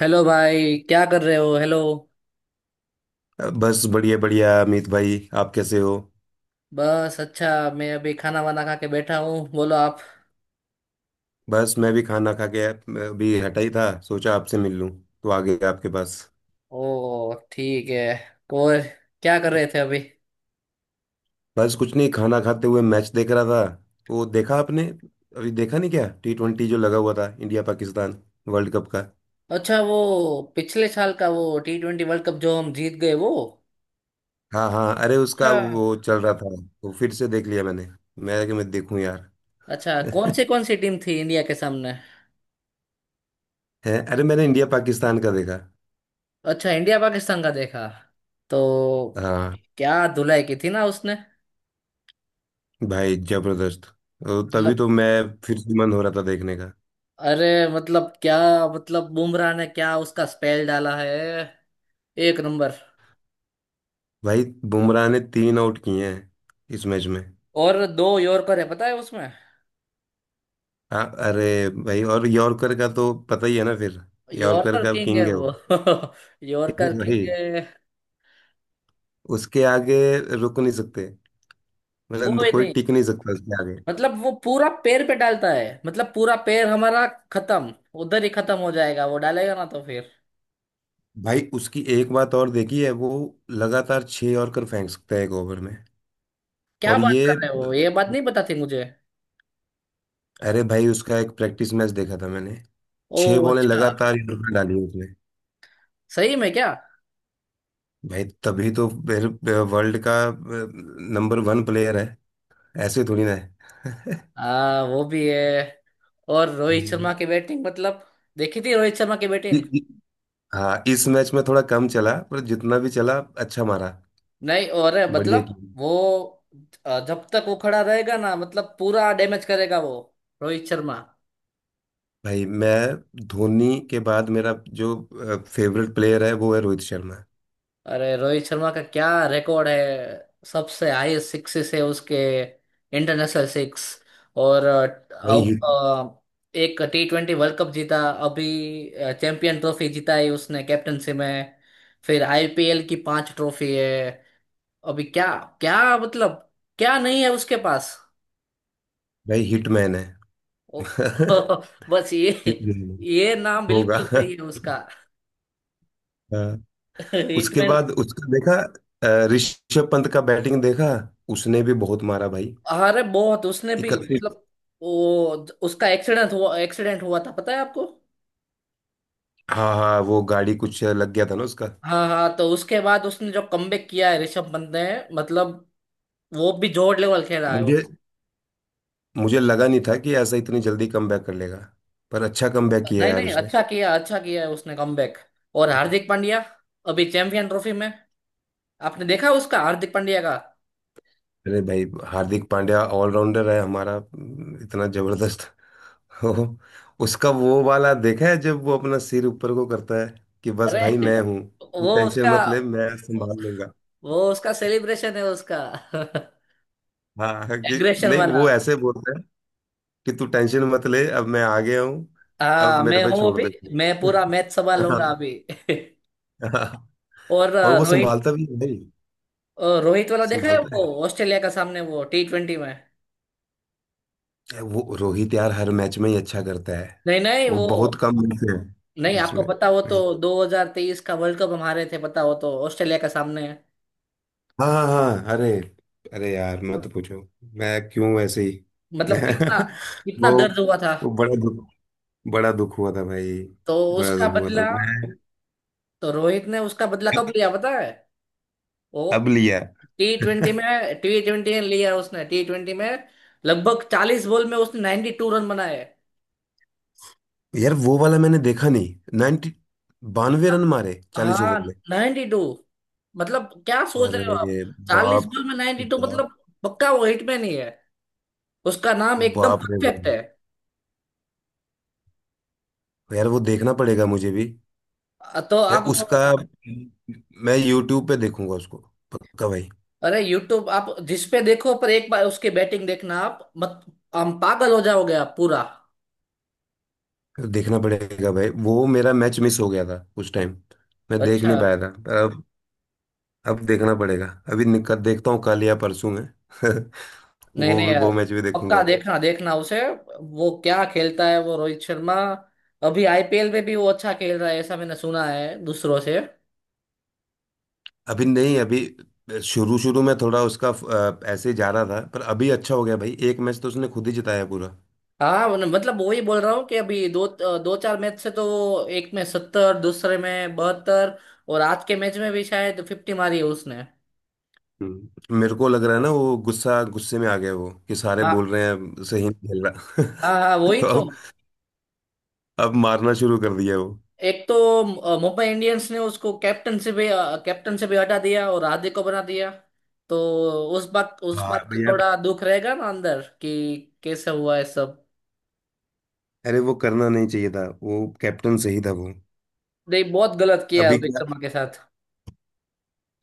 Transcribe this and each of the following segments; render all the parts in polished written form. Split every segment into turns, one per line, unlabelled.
Hello भाई, क्या कर रहे हो? हेलो।
बस बढ़िया बढ़िया अमित भाई, आप कैसे हो।
बस अच्छा। मैं अभी खाना वाना खा के बैठा हूँ, बोलो आप।
बस मैं भी खाना खा के अभी हटा ही था, सोचा आपसे मिल लूं तो आ गया आपके पास।
ओ ठीक है। और क्या कर रहे थे अभी?
बस कुछ नहीं, खाना खाते हुए मैच देख रहा था। वो देखा आपने? अभी देखा नहीं क्या? टी ट्वेंटी जो लगा हुआ था, इंडिया पाकिस्तान वर्ल्ड कप का।
अच्छा, वो पिछले साल का वो टी ट्वेंटी वर्ल्ड कप जो हम जीत गए वो?
हाँ हाँ, अरे उसका
अच्छा।
वो चल रहा था। वो फिर से देख लिया मैंने। मैं देखूं यार।
अच्छा, कौन से कौन सी टीम थी इंडिया के सामने?
है अरे, मैंने इंडिया पाकिस्तान का देखा।
अच्छा, इंडिया पाकिस्तान का देखा तो
हाँ
क्या धुलाई की थी ना उसने।
भाई, जबरदस्त। तो तभी
मतलब,
तो मैं, फिर से मन हो रहा था देखने का।
अरे मतलब क्या, मतलब बुमराह ने क्या उसका स्पेल डाला है, एक नंबर।
भाई, बुमराह ने तीन आउट किए हैं इस मैच में।
और दो यॉर्कर है पता है उसमें।
अरे भाई, और यॉर्कर का तो पता ही है ना फिर। यॉर्कर
यॉर्कर
का
किंग है
किंग है वो।
वो। यॉर्कर
भाई
किंग है।
उसके आगे रुक नहीं सकते, मतलब
कोई
कोई
नहीं,
टिक नहीं सकता उसके आगे।
मतलब वो पूरा पैर पे डालता है, मतलब पूरा पैर हमारा खत्म। उधर ही खत्म हो जाएगा, वो डालेगा ना तो फिर।
भाई उसकी एक बात और देखी है, वो लगातार छह यॉर्कर फेंक सकता है एक ओवर में।
क्या
और
बात कर
ये,
रहे हो, ये बात नहीं पता थी मुझे।
अरे भाई, उसका एक प्रैक्टिस मैच देखा था मैंने।
ओ
छह बॉलें
अच्छा,
लगातार यॉर्कर डाली उसने।
सही में क्या।
भाई तभी तो फिर वर्ल्ड का नंबर वन प्लेयर है, ऐसे थोड़ी ना है।
हाँ वो भी है। और रोहित
हम्म।
शर्मा की बैटिंग, मतलब देखी थी रोहित शर्मा की
इ-
बैटिंग।
इ- हाँ इस मैच में थोड़ा कम चला, पर जितना भी चला अच्छा मारा,
नहीं और है,
बढ़िया
मतलब
किया।
वो, जब तक वो खड़ा रहेगा ना मतलब पूरा डैमेज करेगा वो, रोहित शर्मा।
भाई मैं धोनी के बाद, मेरा जो फेवरेट प्लेयर है वो है रोहित शर्मा।
अरे रोहित शर्मा का क्या रिकॉर्ड है, सबसे हाईएस्ट सिक्सेस है उसके, इंटरनेशनल सिक्स। और
भाई हिट
एक टी ट्वेंटी वर्ल्ड कप जीता, अभी चैंपियन ट्रॉफी जीता है उसने कैप्टनसी में, फिर आईपीएल की 5 ट्रॉफी है। अभी क्या, क्या मतलब, क्या नहीं है उसके पास।
भाई हिटमैन है।
ओ, बस ये
हिटमैन
ये नाम
होगा।
बिल्कुल सही है उसका।
हाँ। उसके
हिटमैन।
बाद उसका देखा, ऋषभ पंत का बैटिंग देखा। उसने भी बहुत मारा भाई,
अरे बहुत उसने भी,
31।
मतलब वो उसका एक्सीडेंट हुआ था पता है आपको।
हाँ हाँ, वो गाड़ी कुछ लग गया था ना उसका।
हाँ हाँ, तो उसके बाद उसने जो कमबैक किया है ऋषभ पंत ने, मतलब वो भी जोर लेवल खेला है वो।
मुझे मुझे लगा नहीं था कि ऐसा इतनी जल्दी कमबैक कर लेगा, पर अच्छा कमबैक किया
नहीं
यार
नहीं,
उसने।
अच्छा किया, अच्छा किया है उसने कमबैक। और हार्दिक पांड्या, अभी चैंपियन ट्रॉफी में आपने देखा उसका, हार्दिक पांड्या का।
अरे भाई, हार्दिक पांड्या ऑलराउंडर है हमारा, इतना जबरदस्त। हो, उसका वो वाला देखा है जब वो अपना सिर ऊपर को करता है कि बस
अरे।
भाई, मैं हूँ, तू
वो
टेंशन
उसका,
मत ले मैं संभाल लूंगा।
वो उसका सेलिब्रेशन है उसका।
हाँ कि
एग्रेशन
नहीं,
वाला।
वो ऐसे बोलता है कि तू टेंशन मत ले, अब मैं आ गया हूँ, अब
हाँ,
मेरे
मैं
पे
हूँ
छोड़
अभी,
दे
मैं
तू।
पूरा मैच संभाल
हाँ,
लूंगा अभी।
हाँ,
और
और वो
रोहित,
संभालता भी है भाई।
रोहित वाला देखा है
संभालता,
वो ऑस्ट्रेलिया का सामने वो टी ट्वेंटी में।
वो रोहित यार हर मैच में ही अच्छा करता है।
नहीं नहीं
वो
वो,
बहुत कम मैच है
नहीं आपको
जिसमें
पता हो तो
नहीं।
2023 का वर्ल्ड कप हम हारे थे पता हो तो, ऑस्ट्रेलिया का सामने।
हाँ हाँ हाँ, अरे, अरे यार मत पूछो, मैं क्यों वैसे ही।
मतलब कितना, कितना
वो
दर्द हुआ था।
वो बड़ा दुख, बड़ा दुख हुआ था भाई,
तो
बड़ा
उसका
दुख हुआ था
बदला,
मैं।
तो रोहित ने उसका बदला कब लिया पता है,
अब
वो
लिया।
टी ट्वेंटी में, टी ट्वेंटी में लिया उसने, टी ट्वेंटी में लगभग 40 बॉल में उसने 92 रन बनाए।
यार वो वाला मैंने देखा नहीं, नाइनटी 92 रन मारे 40
हाँ
ओवर में।
92, मतलब क्या सोच रहे हो आप,
अरे
चालीस
बाप,
बॉल में नाइन्टी टू
बाप,
मतलब, पक्का वो हिटमैन ही है, उसका नाम एकदम
बाप रे
परफेक्ट
बाप।
है।
यार वो देखना पड़ेगा मुझे भी,
तो
या
आप,
उसका, मैं यूट्यूब पे देखूंगा उसको, पक्का भाई।
अरे यूट्यूब आप जिस पे देखो पर एक बार उसकी बैटिंग देखना आप, मत, हम पागल हो जाओगे आप पूरा।
देखना पड़ेगा भाई, वो मेरा मैच मिस हो गया था उस टाइम, मैं देख
अच्छा।
नहीं पाया था, पर अब देखना पड़ेगा। अभी निकल देखता हूँ कल या परसों में।
नहीं
वो
नहीं
भी
यार,
वो मैच भी
पक्का
देखूंगा।
देखना, देखना उसे, वो क्या खेलता है वो रोहित शर्मा। अभी आईपीएल में भी वो अच्छा खेल रहा है, ऐसा मैंने सुना है दूसरों से।
अभी नहीं, अभी शुरू शुरू में थोड़ा उसका ऐसे ही जा रहा था, पर अभी अच्छा हो गया भाई, एक मैच तो उसने खुद ही जिताया पूरा।
हाँ, मतलब वही बोल रहा हूँ कि अभी दो दो चार मैच से तो वो एक में 70, दूसरे में 72, और आज के मैच में भी शायद 50 मारी है उसने।
हम्म। मेरे को लग रहा है ना, वो गुस्सा गुस्से में आ गया वो कि सारे बोल
हाँ
रहे हैं सही नहीं खेल रहा।
हाँ हाँ, वही
तो
तो।
अब मारना शुरू कर दिया वो।
एक तो मुंबई इंडियंस ने उसको कैप्टन से भी हटा दिया और हार्दिक को बना दिया, तो उस बात उस
हाँ
बात का
भैया,
थोड़ा दुख रहेगा ना अंदर कि कैसे हुआ है सब।
अरे वो करना नहीं चाहिए था, वो कैप्टन सही था वो।
नहीं, बहुत गलत किया
अभी
रोहित
क्या,
शर्मा के साथ।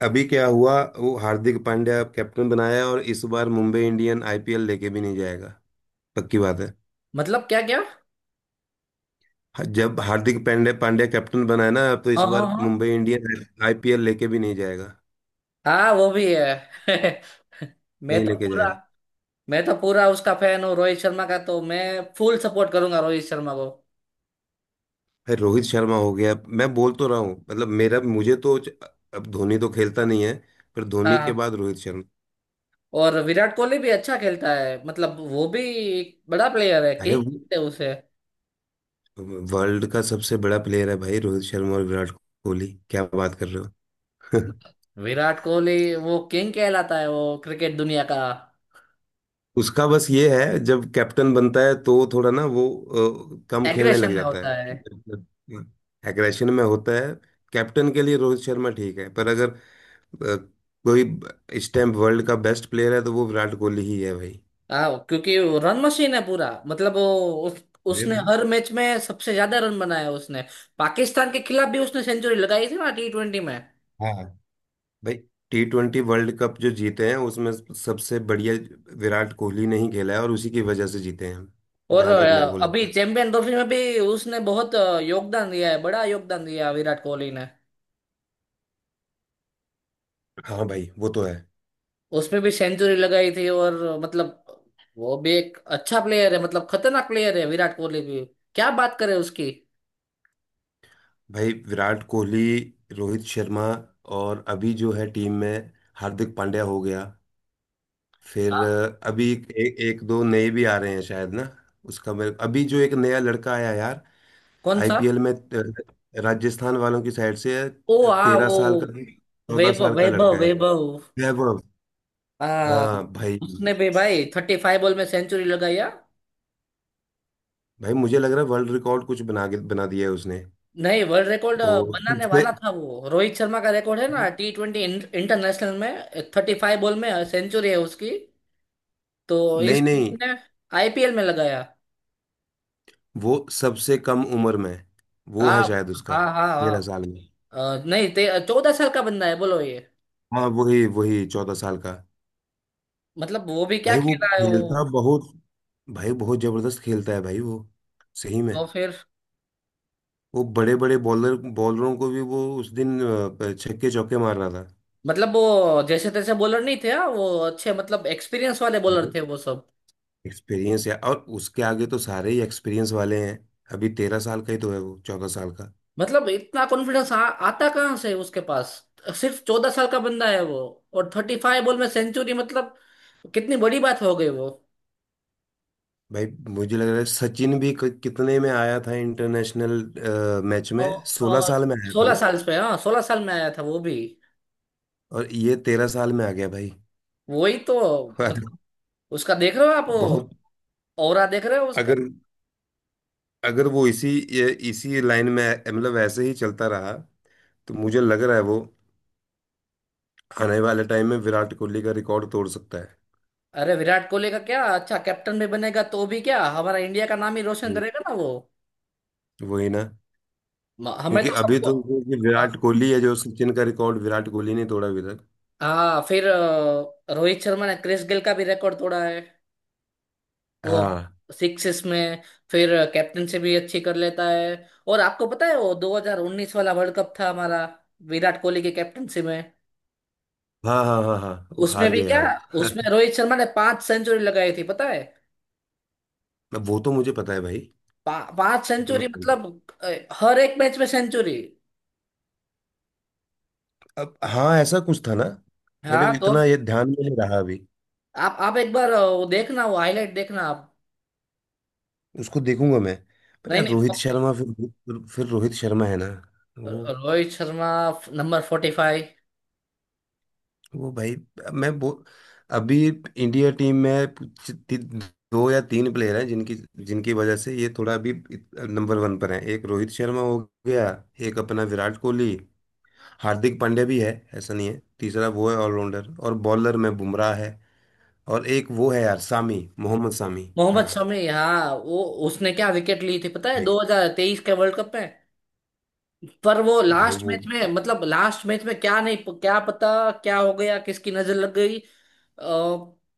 अभी क्या हुआ, वो हार्दिक पांड्या कैप्टन बनाया और इस बार मुंबई इंडियन आईपीएल लेके भी नहीं जाएगा, पक्की बात है।
मतलब क्या क्या।
जब हार्दिक पांड्या पांड्या कैप्टन बनाया ना, तो
हाँ
इस
हाँ
बार
हाँ
मुंबई इंडियन आईपीएल लेके भी नहीं जाएगा,
हाँ वो भी है। मैं
नहीं
तो
लेके
पूरा
जाएगा।
मैं तो पूरा उसका फैन हूँ रोहित शर्मा का, तो मैं फुल सपोर्ट करूंगा रोहित शर्मा को।
भाई रोहित शर्मा हो गया, मैं बोल तो रहा हूँ, मतलब मेरा मुझे तो अब धोनी तो खेलता नहीं है, पर धोनी
हाँ,
के बाद रोहित शर्मा।
और विराट कोहली भी अच्छा खेलता है, मतलब वो भी एक बड़ा प्लेयर है,
अरे
किंग
वो
है उसे।
वर्ल्ड का सबसे बड़ा प्लेयर है भाई, रोहित शर्मा और विराट कोहली, क्या बात कर रहे हो।
विराट कोहली, वो किंग कहलाता है वो, क्रिकेट दुनिया का।
उसका बस ये है, जब कैप्टन बनता है तो थोड़ा ना वो कम खेलने
एग्रेशन
लग
में
जाता
होता है।
है, एग्रेशन में होता है। कैप्टन के लिए रोहित शर्मा ठीक है, पर अगर अ, कोई ब- इस टाइम वर्ल्ड का बेस्ट प्लेयर है तो वो विराट कोहली ही है भाई।
हाँ, क्योंकि वो रन मशीन है पूरा, मतलब वो,
अरे
उसने
भाई,
हर मैच में सबसे ज्यादा रन बनाया उसने। पाकिस्तान के खिलाफ भी उसने सेंचुरी लगाई थी ना टी ट्वेंटी में।
हाँ भाई, टी ट्वेंटी वर्ल्ड कप जो जीते हैं उसमें सबसे बढ़िया विराट कोहली ने ही खेला है, और उसी की वजह से जीते हैं हम,
और
जहां तक मेरे को
अभी
लगता है।
चैंपियन ट्रॉफी में भी उसने बहुत योगदान दिया है, बड़ा योगदान दिया विराट कोहली ने।
हाँ भाई, वो तो है।
उसमें भी सेंचुरी लगाई थी, और मतलब वो भी एक अच्छा प्लेयर है, मतलब खतरनाक प्लेयर है विराट कोहली भी, क्या बात करें उसकी।
भाई विराट कोहली, रोहित शर्मा, और अभी जो है टीम में हार्दिक पांड्या हो गया, फिर
हाँ,
अभी एक दो नए भी आ रहे हैं शायद ना। उसका मेरे अभी जो एक नया लड़का आया यार,
कौन सा?
आईपीएल में राजस्थान वालों की साइड से
ओ
है,
आ
तेरह
वो
साल का चौदह
वैभव
साल का
वैभव
लड़का है वो।
वैभव।
वैभव,
आ
हाँ भाई।
उसने भी भाई 35 बॉल में सेंचुरी लगाई है।
भाई मुझे लग रहा है वर्ल्ड रिकॉर्ड कुछ बना के बना दिया है उसने,
नहीं, वर्ल्ड रिकॉर्ड
और
बनाने
सबसे,
वाला था वो, रोहित शर्मा का रिकॉर्ड है ना टी ट्वेंटी इंटरनेशनल में, 35 बॉल में सेंचुरी है उसकी, तो
नहीं
इस
नहीं
बंदे ने आईपीएल में लगाया।
वो सबसे कम उम्र में, वो
हाँ
है शायद उसका,
हाँ हाँ
13 साल
हाँ।
में।
अ, नहीं ते 14 साल का बंदा है बोलो ये।
हाँ वही वही 14 साल का।
मतलब वो भी क्या
भाई वो
खेला है वो,
खेलता बहुत, भाई बहुत जबरदस्त खेलता है भाई वो, सही में।
तो फिर
वो बड़े बड़े बॉलरों को भी वो उस दिन छक्के चौके मार रहा था।
मतलब वो, जैसे तैसे बॉलर नहीं थे, हाँ, वो अच्छे मतलब एक्सपीरियंस वाले बॉलर थे वो सब।
एक्सपीरियंस है, और उसके आगे तो सारे ही एक्सपीरियंस वाले हैं, अभी 13 साल का ही तो है वो, 14 साल का।
मतलब इतना कॉन्फिडेंस आता कहाँ से उसके पास, सिर्फ 14 साल का बंदा है वो, और 35 बॉल में सेंचुरी मतलब कितनी बड़ी बात हो गई वो।
भाई मुझे लग रहा है सचिन भी कितने में आया था इंटरनेशनल मैच में, सोलह
और
साल में आया था
सोलह
ना,
साल पे, हाँ 16 साल में आया था वो भी।
और ये 13 साल में आ गया भाई।
वही तो,
अरे,
मतलब उसका देख रहे हो आप, वो
बहुत।
ऑरा देख रहे हो उसका।
अगर, अगर वो इसी, इसी लाइन में, मतलब ऐसे ही चलता रहा तो मुझे लग रहा है वो आने वाले टाइम में विराट कोहली का रिकॉर्ड तोड़ सकता है।
अरे विराट कोहली का क्या, अच्छा कैप्टन भी बनेगा तो भी क्या हमारा इंडिया का नाम ही रोशन
हम्म।
करेगा ना वो।
वही ना,
हमें
क्योंकि
तो
अभी
सबको।
तो जो ये
हाँ,
विराट कोहली है, जो सचिन का रिकॉर्ड विराट कोहली ने तोड़ा अभी तक।
हाँ, फिर रोहित शर्मा ने क्रिस गेल का भी रिकॉर्ड तोड़ा है वो
हाँ
सिक्स में। फिर कैप्टन से भी अच्छी कर लेता है, और आपको पता है वो 2019 वाला वर्ल्ड कप था हमारा विराट कोहली की कैप्टनसी में,
हाँ हाँ हाँ, हाँ वो
उसमें
हार
भी
गए
क्या,
यार।
उसमें रोहित शर्मा ने 5 सेंचुरी लगाई थी पता है।
अब वो तो मुझे पता है भाई,
पा, पांच
वो तो मैं
सेंचुरी
जानता
मतलब अ, हर एक मैच में सेंचुरी।
हूँ। अब हाँ ऐसा कुछ था ना, मेरे
हाँ, तो
इतना ये ध्यान में नहीं रहा अभी।
आप एक बार वो देखना, वो हाईलाइट देखना आप।
उसको देखूंगा मैं, पर
नहीं
यार
नहीं
रोहित शर्मा, फिर रोहित शर्मा है ना वो
रोहित शर्मा नंबर 45।
वो भाई, मैं वो, अभी इंडिया टीम में दो या तीन प्लेयर हैं जिनकी, जिनकी वजह से ये थोड़ा अभी नंबर वन पर है, एक रोहित शर्मा हो गया, एक अपना विराट कोहली, हार्दिक पांड्या भी है, ऐसा नहीं है, तीसरा वो है ऑलराउंडर, और बॉलर में बुमराह है, और एक वो है यार सामी, मोहम्मद सामी। हाँ
मोहम्मद शमी, हाँ वो उसने क्या विकेट ली थी पता है
भाई,
2023 के वर्ल्ड कप में। पर वो
भाई
लास्ट
वो,
मैच में, मतलब लास्ट मैच में क्या नहीं, क्या पता क्या हो गया, किसकी नजर लग गई, अ,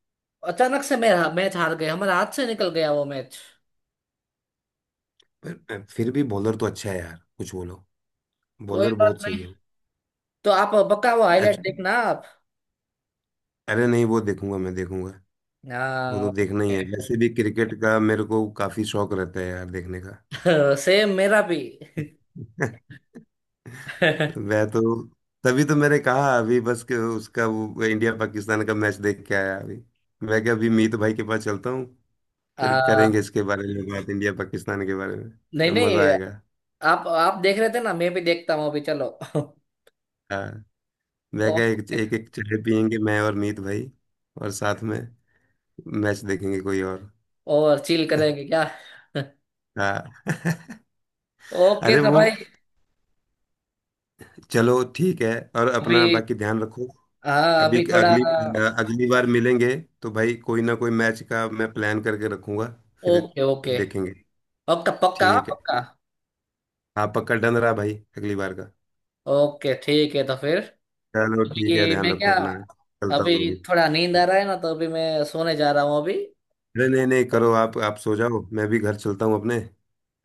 अचानक से मेरा मैच हार गए, हमारे हाथ से निकल गया वो मैच।
पर फिर भी बॉलर तो अच्छा है यार, कुछ बोलो,
कोई
बॉलर
बात
बहुत
नहीं।
सही है।
तो आप पक्का वो हाईलाइट
एक्चुअली,
देखना आप।
अरे नहीं, वो देखूंगा मैं देखूंगा, वो
हाँ
तो देखना ही
ओके।
है वैसे भी, क्रिकेट का मेरे को काफी शौक रहता है यार देखने का।
सेम मेरा भी।
मैं तो, तभी तो मैंने कहा अभी बस कि उसका वो इंडिया पाकिस्तान का मैच देख के आया अभी। मैं क्या, अभी मीत भाई के पास चलता हूँ, फिर करेंगे
आ,
इसके बारे में बात, इंडिया पाकिस्तान के बारे
नहीं
में, मजा
नहीं,
आएगा।
आप आप देख रहे थे ना, मैं भी देखता हूँ अभी, चलो।
हाँ। मैं क्या, एक
ओके।
एक, एक चाय पियेंगे मैं और मीत भाई, और साथ में मैच देखेंगे कोई और।
और चिल करेंगे क्या?
हाँ।
ओके
अरे
तो
वो,
भाई,
चलो ठीक है, और अपना
अभी।
बाकी ध्यान रखो।
हाँ
अभी,
अभी थोड़ा।
अगली अगली बार मिलेंगे तो भाई कोई ना कोई मैच का मैं प्लान करके रखूंगा, फिर
ओके ओके।
देखेंगे।
पक्का पक्का
ठीक है,
पक्का।
हाँ पक्का डन रहा भाई अगली बार का।
ओके ठीक है तो फिर,
चलो ठीक है,
कि
ध्यान
मैं
रखो
क्या,
अपना, चलता हूँ मैं
अभी
भी।
थोड़ा नींद आ रहा है ना, तो अभी मैं सोने जा रहा हूँ अभी।
अरे नहीं नहीं करो, आप सो जाओ, मैं भी घर चलता हूँ अपने,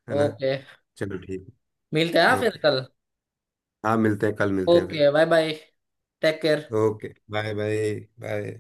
है ना।
ओके,
चलो ठीक।
मिलते हैं हाँ फिर
ओके।
कल।
हाँ मिलते हैं कल, मिलते हैं भाई।
Okay bye bye. Take care.
Okay bye bye, bye.